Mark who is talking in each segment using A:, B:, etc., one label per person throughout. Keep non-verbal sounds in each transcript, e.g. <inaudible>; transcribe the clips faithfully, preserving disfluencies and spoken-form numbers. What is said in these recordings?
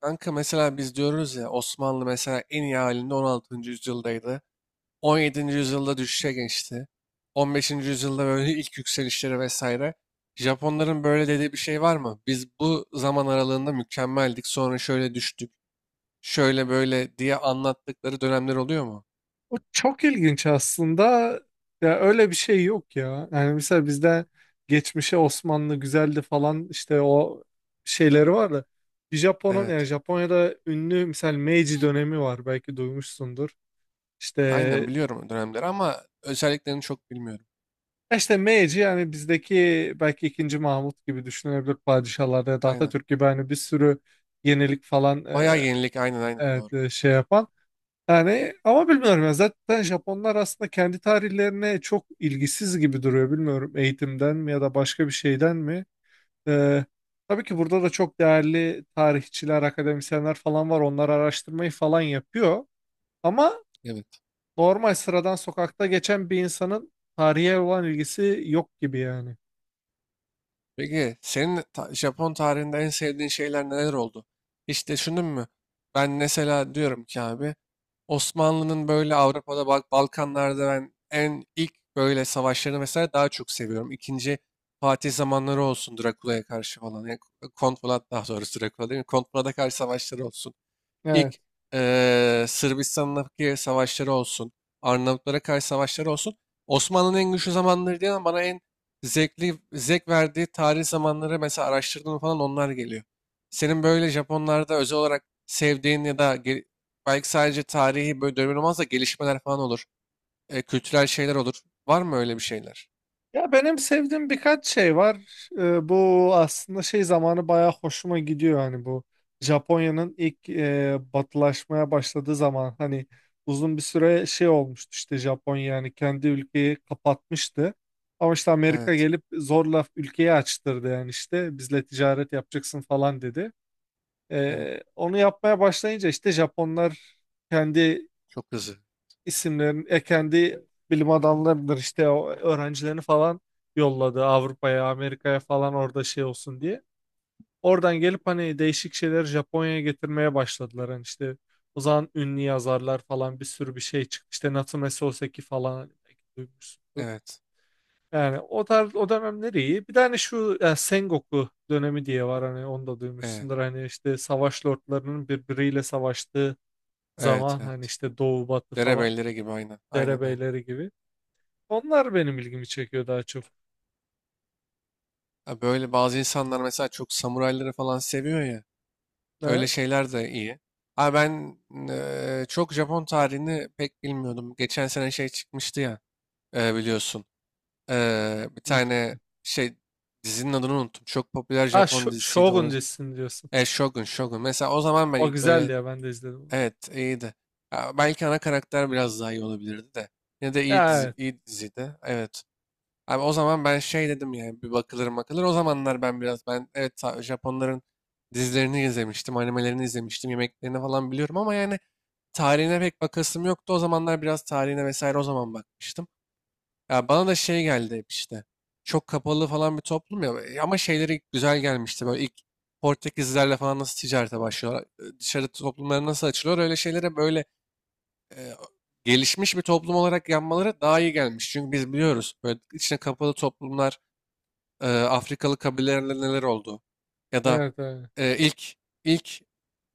A: Kanka mesela biz diyoruz ya Osmanlı mesela en iyi halinde on altıncı yüzyıldaydı. on yedinci yüzyılda düşüşe geçti. on beşinci yüzyılda böyle <laughs> ilk yükselişleri vesaire. Japonların böyle dediği bir şey var mı? Biz bu zaman aralığında mükemmeldik, sonra şöyle düştük, şöyle böyle diye anlattıkları dönemler oluyor mu?
B: O çok ilginç aslında. Ya öyle bir şey yok ya. Yani mesela bizde geçmişe Osmanlı güzeldi falan işte o şeyleri var da bir Japon'un yani
A: Evet.
B: Japonya'da ünlü mesela Meiji dönemi var belki duymuşsundur. İşte
A: Aynen biliyorum o dönemleri ama özelliklerini çok bilmiyorum.
B: işte Meiji yani bizdeki belki ikinci Mahmut gibi düşünülebilir padişahlarda ya da
A: Aynen.
B: Atatürk gibi hani bir sürü yenilik falan
A: Bayağı
B: e,
A: yenilik, aynen, aynen
B: evet,
A: doğru.
B: e, şey yapan. Yani ama bilmiyorum ya zaten Japonlar aslında kendi tarihlerine çok ilgisiz gibi duruyor bilmiyorum eğitimden mi ya da başka bir şeyden mi. Ee, tabii ki burada da çok değerli tarihçiler, akademisyenler falan var onlar araştırmayı falan yapıyor. Ama
A: Evet.
B: normal sıradan sokakta geçen bir insanın tarihe olan ilgisi yok gibi yani.
A: Peki senin ta- Japon tarihinde en sevdiğin şeyler neler oldu? Hiç düşündün mü? Ben mesela diyorum ki abi Osmanlı'nın böyle Avrupa'da Balk- Balkanlarda ben en ilk böyle savaşlarını mesela daha çok seviyorum. İkinci Fatih zamanları olsun, Drakula'ya karşı falan. Yani Kont Polat, daha doğrusu Drakula değil mi? Kont Polat'a karşı savaşları olsun.
B: Evet.
A: İlk eee Sırbistan'daki savaşları olsun, Arnavutlara karşı savaşları olsun. Osmanlı'nın en güçlü zamanları değil ama bana en zevkli, zevk verdiği tarih zamanları mesela araştırdığım falan onlar geliyor. Senin böyle Japonlarda özel olarak sevdiğin ya da ge- belki sadece tarihi böyle dönemin olmaz da gelişmeler falan olur, e, kültürel şeyler olur. Var mı öyle bir şeyler?
B: Ya benim sevdiğim birkaç şey var. Ee, bu aslında şey zamanı bayağı hoşuma gidiyor hani bu Japonya'nın ilk e, batılaşmaya başladığı zaman hani uzun bir süre şey olmuştu işte Japonya yani kendi ülkeyi kapatmıştı. Ama işte Amerika
A: Evet,
B: gelip zorla ülkeyi açtırdı yani işte bizle ticaret yapacaksın falan dedi.
A: evet.
B: Ee, onu yapmaya başlayınca işte Japonlar kendi
A: Çok hızlı.
B: isimlerin ekendi bilim adamlarıdır işte o öğrencilerini falan yolladı Avrupa'ya, Amerika'ya falan orada şey olsun diye. Oradan gelip hani değişik şeyleri Japonya'ya getirmeye başladılar. Hani işte o zaman ünlü yazarlar falan bir sürü bir şey çıktı. İşte Natsume Soseki falan hani belki duymuşsundur.
A: Evet,
B: Yani o tarz o dönemler iyi. Bir tane şu e, Sengoku dönemi diye var hani onu da
A: evet,
B: duymuşsundur. Hani işte savaş lordlarının birbiriyle savaştığı
A: evet,
B: zaman hani
A: evet.
B: işte doğu batı falan
A: Derebellere gibi, aynen, aynen, aynen.
B: derebeyleri gibi. Onlar benim ilgimi çekiyor daha çok.
A: Ha, böyle bazı insanlar mesela çok samurayları falan seviyor ya. Öyle
B: Evet.
A: şeyler de iyi. Abi ben eee, çok Japon tarihini pek bilmiyordum. Geçen sene şey çıkmıştı ya, eee, biliyorsun. Eee, bir
B: Ne
A: tane
B: çekiyor?
A: şey, dizinin adını unuttum. Çok popüler
B: Ha
A: Japon
B: Sh-
A: dizisiydi.
B: Shogun
A: Onu,
B: dizisini diyorsun.
A: e, Shogun, Shogun. Mesela o zaman ben
B: O
A: ilk böyle,
B: güzeldi ya ben de izledim onu.
A: evet iyiydi. Ya belki ana karakter biraz daha iyi olabilirdi de. Yine de iyi
B: Ya
A: dizi,
B: evet.
A: iyi diziydi. Evet. Abi o zaman ben şey dedim yani bir bakılır bakılır. O zamanlar ben biraz ben, evet, ta- Japonların dizilerini izlemiştim, animelerini izlemiştim, yemeklerini falan biliyorum ama yani tarihine pek bakasım yoktu. O zamanlar biraz tarihine vesaire o zaman bakmıştım. Ya bana da şey geldi hep işte. Çok kapalı falan bir toplum ya, e, ama şeyleri güzel gelmişti. Böyle ilk Portekizlerle falan nasıl ticarete başlıyorlar, e, dışarı toplumları nasıl açılıyor, öyle şeylere böyle e, gelişmiş bir toplum olarak yanmaları daha iyi gelmiş. Çünkü biz biliyoruz böyle içine kapalı toplumlar, e, Afrikalı kabilelerle neler oldu? Ya da
B: Evet, evet.
A: e, ilk ilk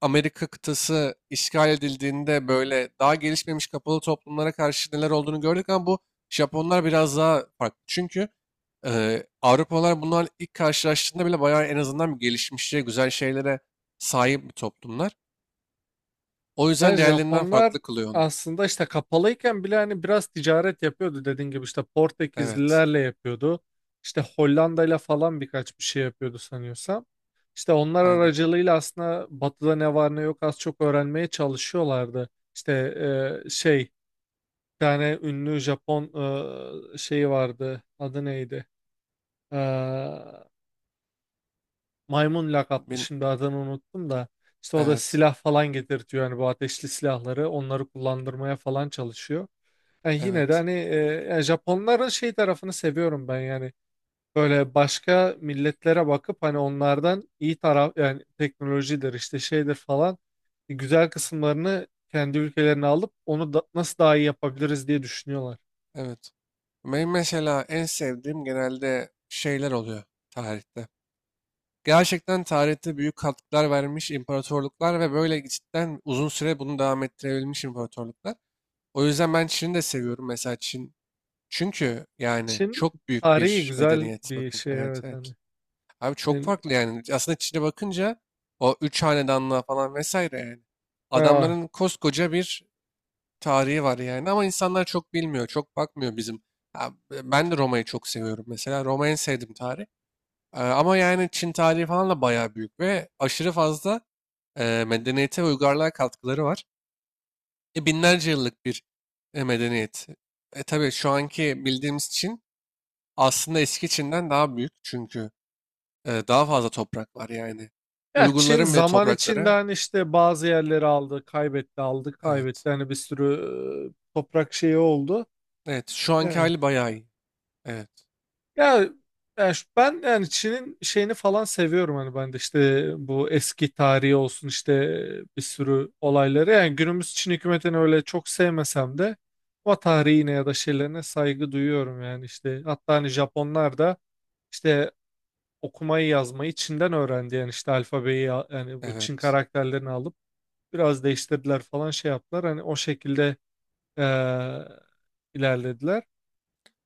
A: Amerika kıtası işgal edildiğinde böyle daha gelişmemiş kapalı toplumlara karşı neler olduğunu gördük ama bu Japonlar biraz daha farklı. Çünkü e, Avrupalılar bunlar ilk karşılaştığında bile bayağı en azından bir gelişmişçe güzel şeylere sahip bir toplumlar. O
B: Yani
A: yüzden diğerlerinden
B: Japonlar
A: farklı kılıyor onu.
B: aslında işte kapalıyken bile hani biraz ticaret yapıyordu dediğin gibi işte
A: Evet,
B: Portekizlilerle yapıyordu. İşte Hollanda'yla falan birkaç bir şey yapıyordu sanıyorsam. İşte onlar
A: aynen.
B: aracılığıyla aslında Batı'da ne var ne yok az çok öğrenmeye çalışıyorlardı. İşte e, şey bir tane ünlü Japon e, şeyi vardı. Adı neydi? Ee, Maymun lakaplı
A: Bil-
B: şimdi adını unuttum da işte o da
A: evet,
B: silah falan getirtiyor yani bu ateşli silahları onları kullandırmaya falan çalışıyor. Yani yine de
A: evet.
B: hani e, yani Japonların şey tarafını seviyorum ben yani böyle başka milletlere bakıp hani onlardan iyi taraf yani teknolojidir işte şeydir falan güzel kısımlarını kendi ülkelerine alıp onu da, nasıl daha iyi yapabiliriz diye düşünüyorlar.
A: Evet. Benim mesela en sevdiğim genelde şeyler oluyor tarihte. Gerçekten tarihte büyük katkılar vermiş imparatorluklar ve böyle cidden uzun süre bunu devam ettirebilmiş imparatorluklar. O yüzden ben Çin'i de seviyorum mesela, Çin. Çünkü yani
B: Çin
A: çok büyük
B: tarihi
A: bir
B: güzel
A: medeniyet
B: bir
A: bakınca.
B: şey
A: Evet,
B: evet
A: evet.
B: hani.
A: Abi çok
B: Yani,
A: farklı yani. Aslında Çin'e bakınca o üç hanedanlığa falan vesaire yani.
B: bayağı.
A: Adamların koskoca bir tarihi var yani ama insanlar çok bilmiyor, çok bakmıyor bizim. Ha, ben de Roma'yı çok seviyorum mesela. Roma'yı en sevdiğim tarih. Ee, ama yani Çin tarihi falan da bayağı büyük ve aşırı fazla e, medeniyete ve uygarlığa katkıları var. E, binlerce yıllık bir e, medeniyet. E, tabii şu anki bildiğimiz Çin aslında eski Çin'den daha büyük çünkü e, daha fazla toprak var yani.
B: Ya Çin
A: Uygurların bile
B: zaman içinde
A: toprakları,
B: hani işte bazı yerleri aldı, kaybetti, aldı,
A: evet.
B: kaybetti. Hani bir sürü e, toprak şeyi oldu.
A: Evet şu anki
B: Evet.
A: hali bayağı iyi. Evet.
B: Ya, ya şu- ben yani Çin'in şeyini falan seviyorum hani ben de işte bu eski tarihi olsun işte bir sürü olayları. Yani günümüz Çin hükümetini öyle çok sevmesem de o tarihine ya da şeylerine saygı duyuyorum yani işte. Hatta hani Japonlar da işte okumayı yazmayı Çin'den öğrendi yani işte alfabeyi ya- yani bu Çin
A: Evet.
B: karakterlerini alıp. Biraz değiştirdiler falan şey yaptılar. Hani o şekilde eee, ilerlediler.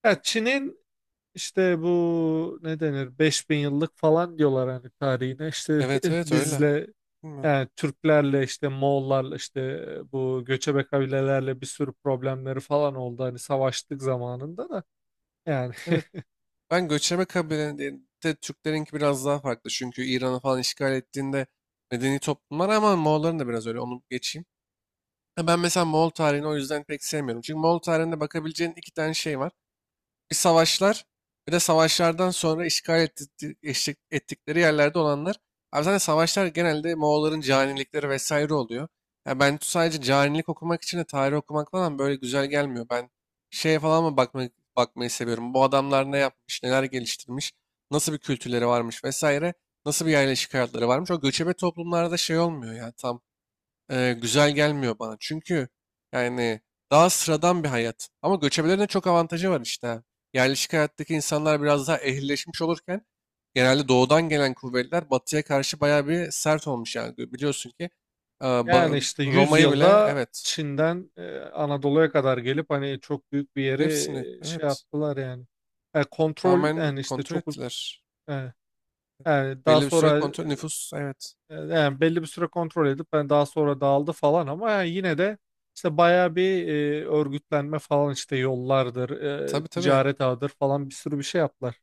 B: Ya Çin'in işte bu ne denir beş bin yıllık falan diyorlar hani tarihine. İşte
A: Evet,
B: <laughs>
A: evet öyle.
B: bizle
A: Bilmiyorum.
B: yani Türklerle işte Moğollarla işte bu göçebe kabilelerle bir sürü problemleri falan oldu hani savaştık zamanında da yani
A: Evet.
B: <laughs>
A: Ben göçebe kabilelerinde Türklerinki biraz daha farklı. Çünkü İran'ı falan işgal ettiğinde medeni toplumlar ama Moğolların da biraz öyle. Onu geçeyim. Ha, ben mesela Moğol tarihini o yüzden pek sevmiyorum. Çünkü Moğol tarihinde bakabileceğin iki tane şey var. Bir savaşlar, bir de savaşlardan sonra işgal etti- eşlik ettikleri yerlerde olanlar. Abi zaten savaşlar genelde Moğolların canilikleri vesaire oluyor. Ya ben sadece canilik okumak için de tarih okumak falan böyle güzel gelmiyor. Ben şeye falan mı bakma, bakmayı seviyorum. Bu adamlar ne yapmış, neler geliştirmiş, nasıl bir kültürleri varmış vesaire, nasıl bir yerleşik hayatları varmış. O göçebe toplumlarda şey olmuyor ya tam, e, güzel gelmiyor bana. Çünkü yani daha sıradan bir hayat. Ama göçebelerin de çok avantajı var işte. Ha. Yerleşik hayattaki insanlar biraz daha ehlileşmiş olurken genelde doğudan gelen kuvvetler batıya karşı bayağı bir sert olmuş yani. Biliyorsun ki e,
B: yani
A: Ba-
B: işte yüz
A: Roma'yı bile,
B: yılda
A: evet,
B: Çin'den e, Anadolu'ya kadar gelip hani çok büyük bir yeri
A: hepsini
B: e, şey
A: evet,
B: yaptılar yani. E, kontrol
A: tamamen
B: yani işte
A: kontrol
B: çok.
A: ettiler.
B: Evet. Yani daha
A: Belli bir süre
B: sonra
A: kontrol nüfus, evet.
B: e, yani belli bir süre kontrol edip ben daha sonra dağıldı falan ama yani yine de işte bayağı bir e, örgütlenme falan işte yollardır, e,
A: Tabii, tabii.
B: ticaret ağıdır falan bir sürü bir şey yaptılar.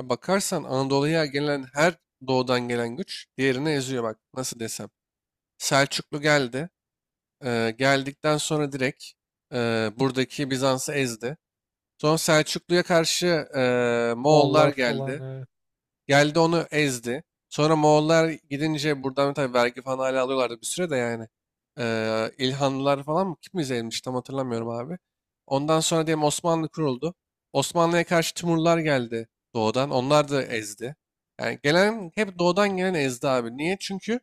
A: Ya bakarsan Anadolu'ya gelen her doğudan gelen güç diğerini eziyor, bak nasıl desem. Selçuklu geldi. Ee, geldikten sonra direkt e, buradaki Bizans'ı ezdi. Sonra Selçuklu'ya karşı e, Moğollar
B: Moğollar falan.
A: geldi.
B: Evet.
A: Geldi, onu ezdi. Sonra Moğollar gidince buradan tabii vergi falan hala alıyorlardı bir süre de yani. Ee, İlhanlılar falan mı? Kim izlemiş tam hatırlamıyorum abi. Ondan sonra diyelim Osmanlı kuruldu. Osmanlı'ya karşı Timurlar geldi doğudan. Onlar da ezdi. Yani gelen hep doğudan gelen ezdi abi. Niye? Çünkü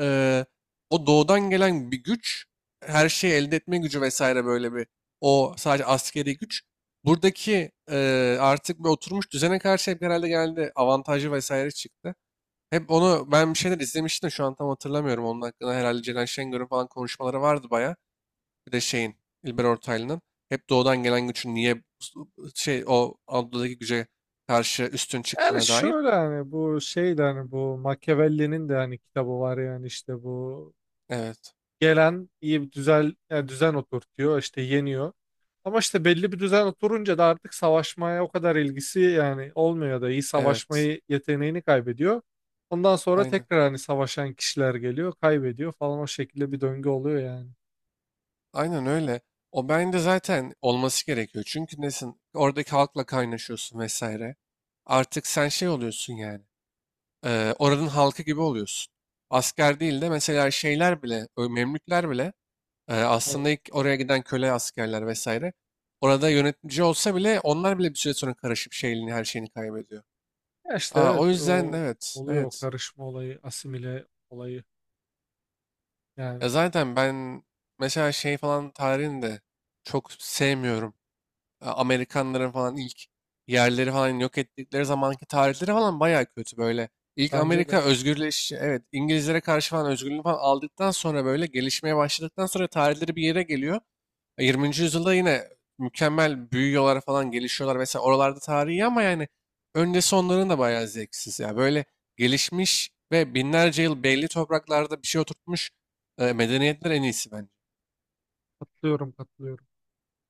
A: eee, o doğudan gelen bir güç, her şeyi elde etme gücü vesaire, böyle bir o sadece askeri güç. Buradaki eee, artık bir oturmuş düzene karşı hep herhalde geldi avantajı vesaire çıktı. Hep onu ben bir şeyler izlemiştim de şu an tam hatırlamıyorum. Onun hakkında herhalde Ceren Şengör'ün falan konuşmaları vardı baya. Bir de şeyin İlber Ortaylı'nın, hep doğudan gelen gücün niye şey o Anadolu'daki güce karşı üstün
B: Yani
A: çıktığına dair.
B: şöyle hani bu şey de hani bu Machiavelli'nin de hani kitabı var yani işte bu
A: Evet.
B: gelen iyi bir düzen, yani düzen oturtuyor işte yeniyor. Ama işte belli bir düzen oturunca da artık savaşmaya o kadar ilgisi yani olmuyor ya da iyi
A: Evet.
B: savaşmayı yeteneğini kaybediyor. Ondan sonra
A: Aynen.
B: tekrar hani savaşan kişiler geliyor, kaybediyor falan o şekilde bir döngü oluyor yani.
A: Aynen öyle. O bence zaten olması gerekiyor. Çünkü nesin? Oradaki halkla kaynaşıyorsun vesaire. Artık sen şey oluyorsun yani. E, oranın halkı gibi oluyorsun. Asker değil de mesela şeyler bile, ö- Memlükler bile e,
B: Evet.
A: aslında ilk oraya giden köle askerler vesaire. Orada yönetici olsa bile onlar bile bir süre sonra karışıp şeyini, her şeyini kaybediyor.
B: Ya işte
A: Aa, o
B: evet
A: yüzden
B: o
A: evet,
B: oluyor o
A: evet.
B: karışma olayı, asimile olayı yani.
A: Ya zaten ben mesela şey falan tarihini de çok sevmiyorum. e, Amerikanların falan ilk yerleri falan yok ettikleri zamanki tarihleri falan bayağı kötü böyle. İlk
B: Bence
A: Amerika
B: de
A: özgürleş, evet İngilizlere karşı falan özgürlüğünü falan aldıktan sonra böyle gelişmeye başladıktan sonra tarihleri bir yere geliyor. E, yirminci yüzyılda yine mükemmel büyüyorlar falan, gelişiyorlar. Mesela oralarda tarihi, ama yani öncesi onların da bayağı zevksiz. Ya böyle gelişmiş ve binlerce yıl belli topraklarda bir şey oturtmuş e, medeniyetler en iyisi bence.
B: katılıyorum, katılıyorum.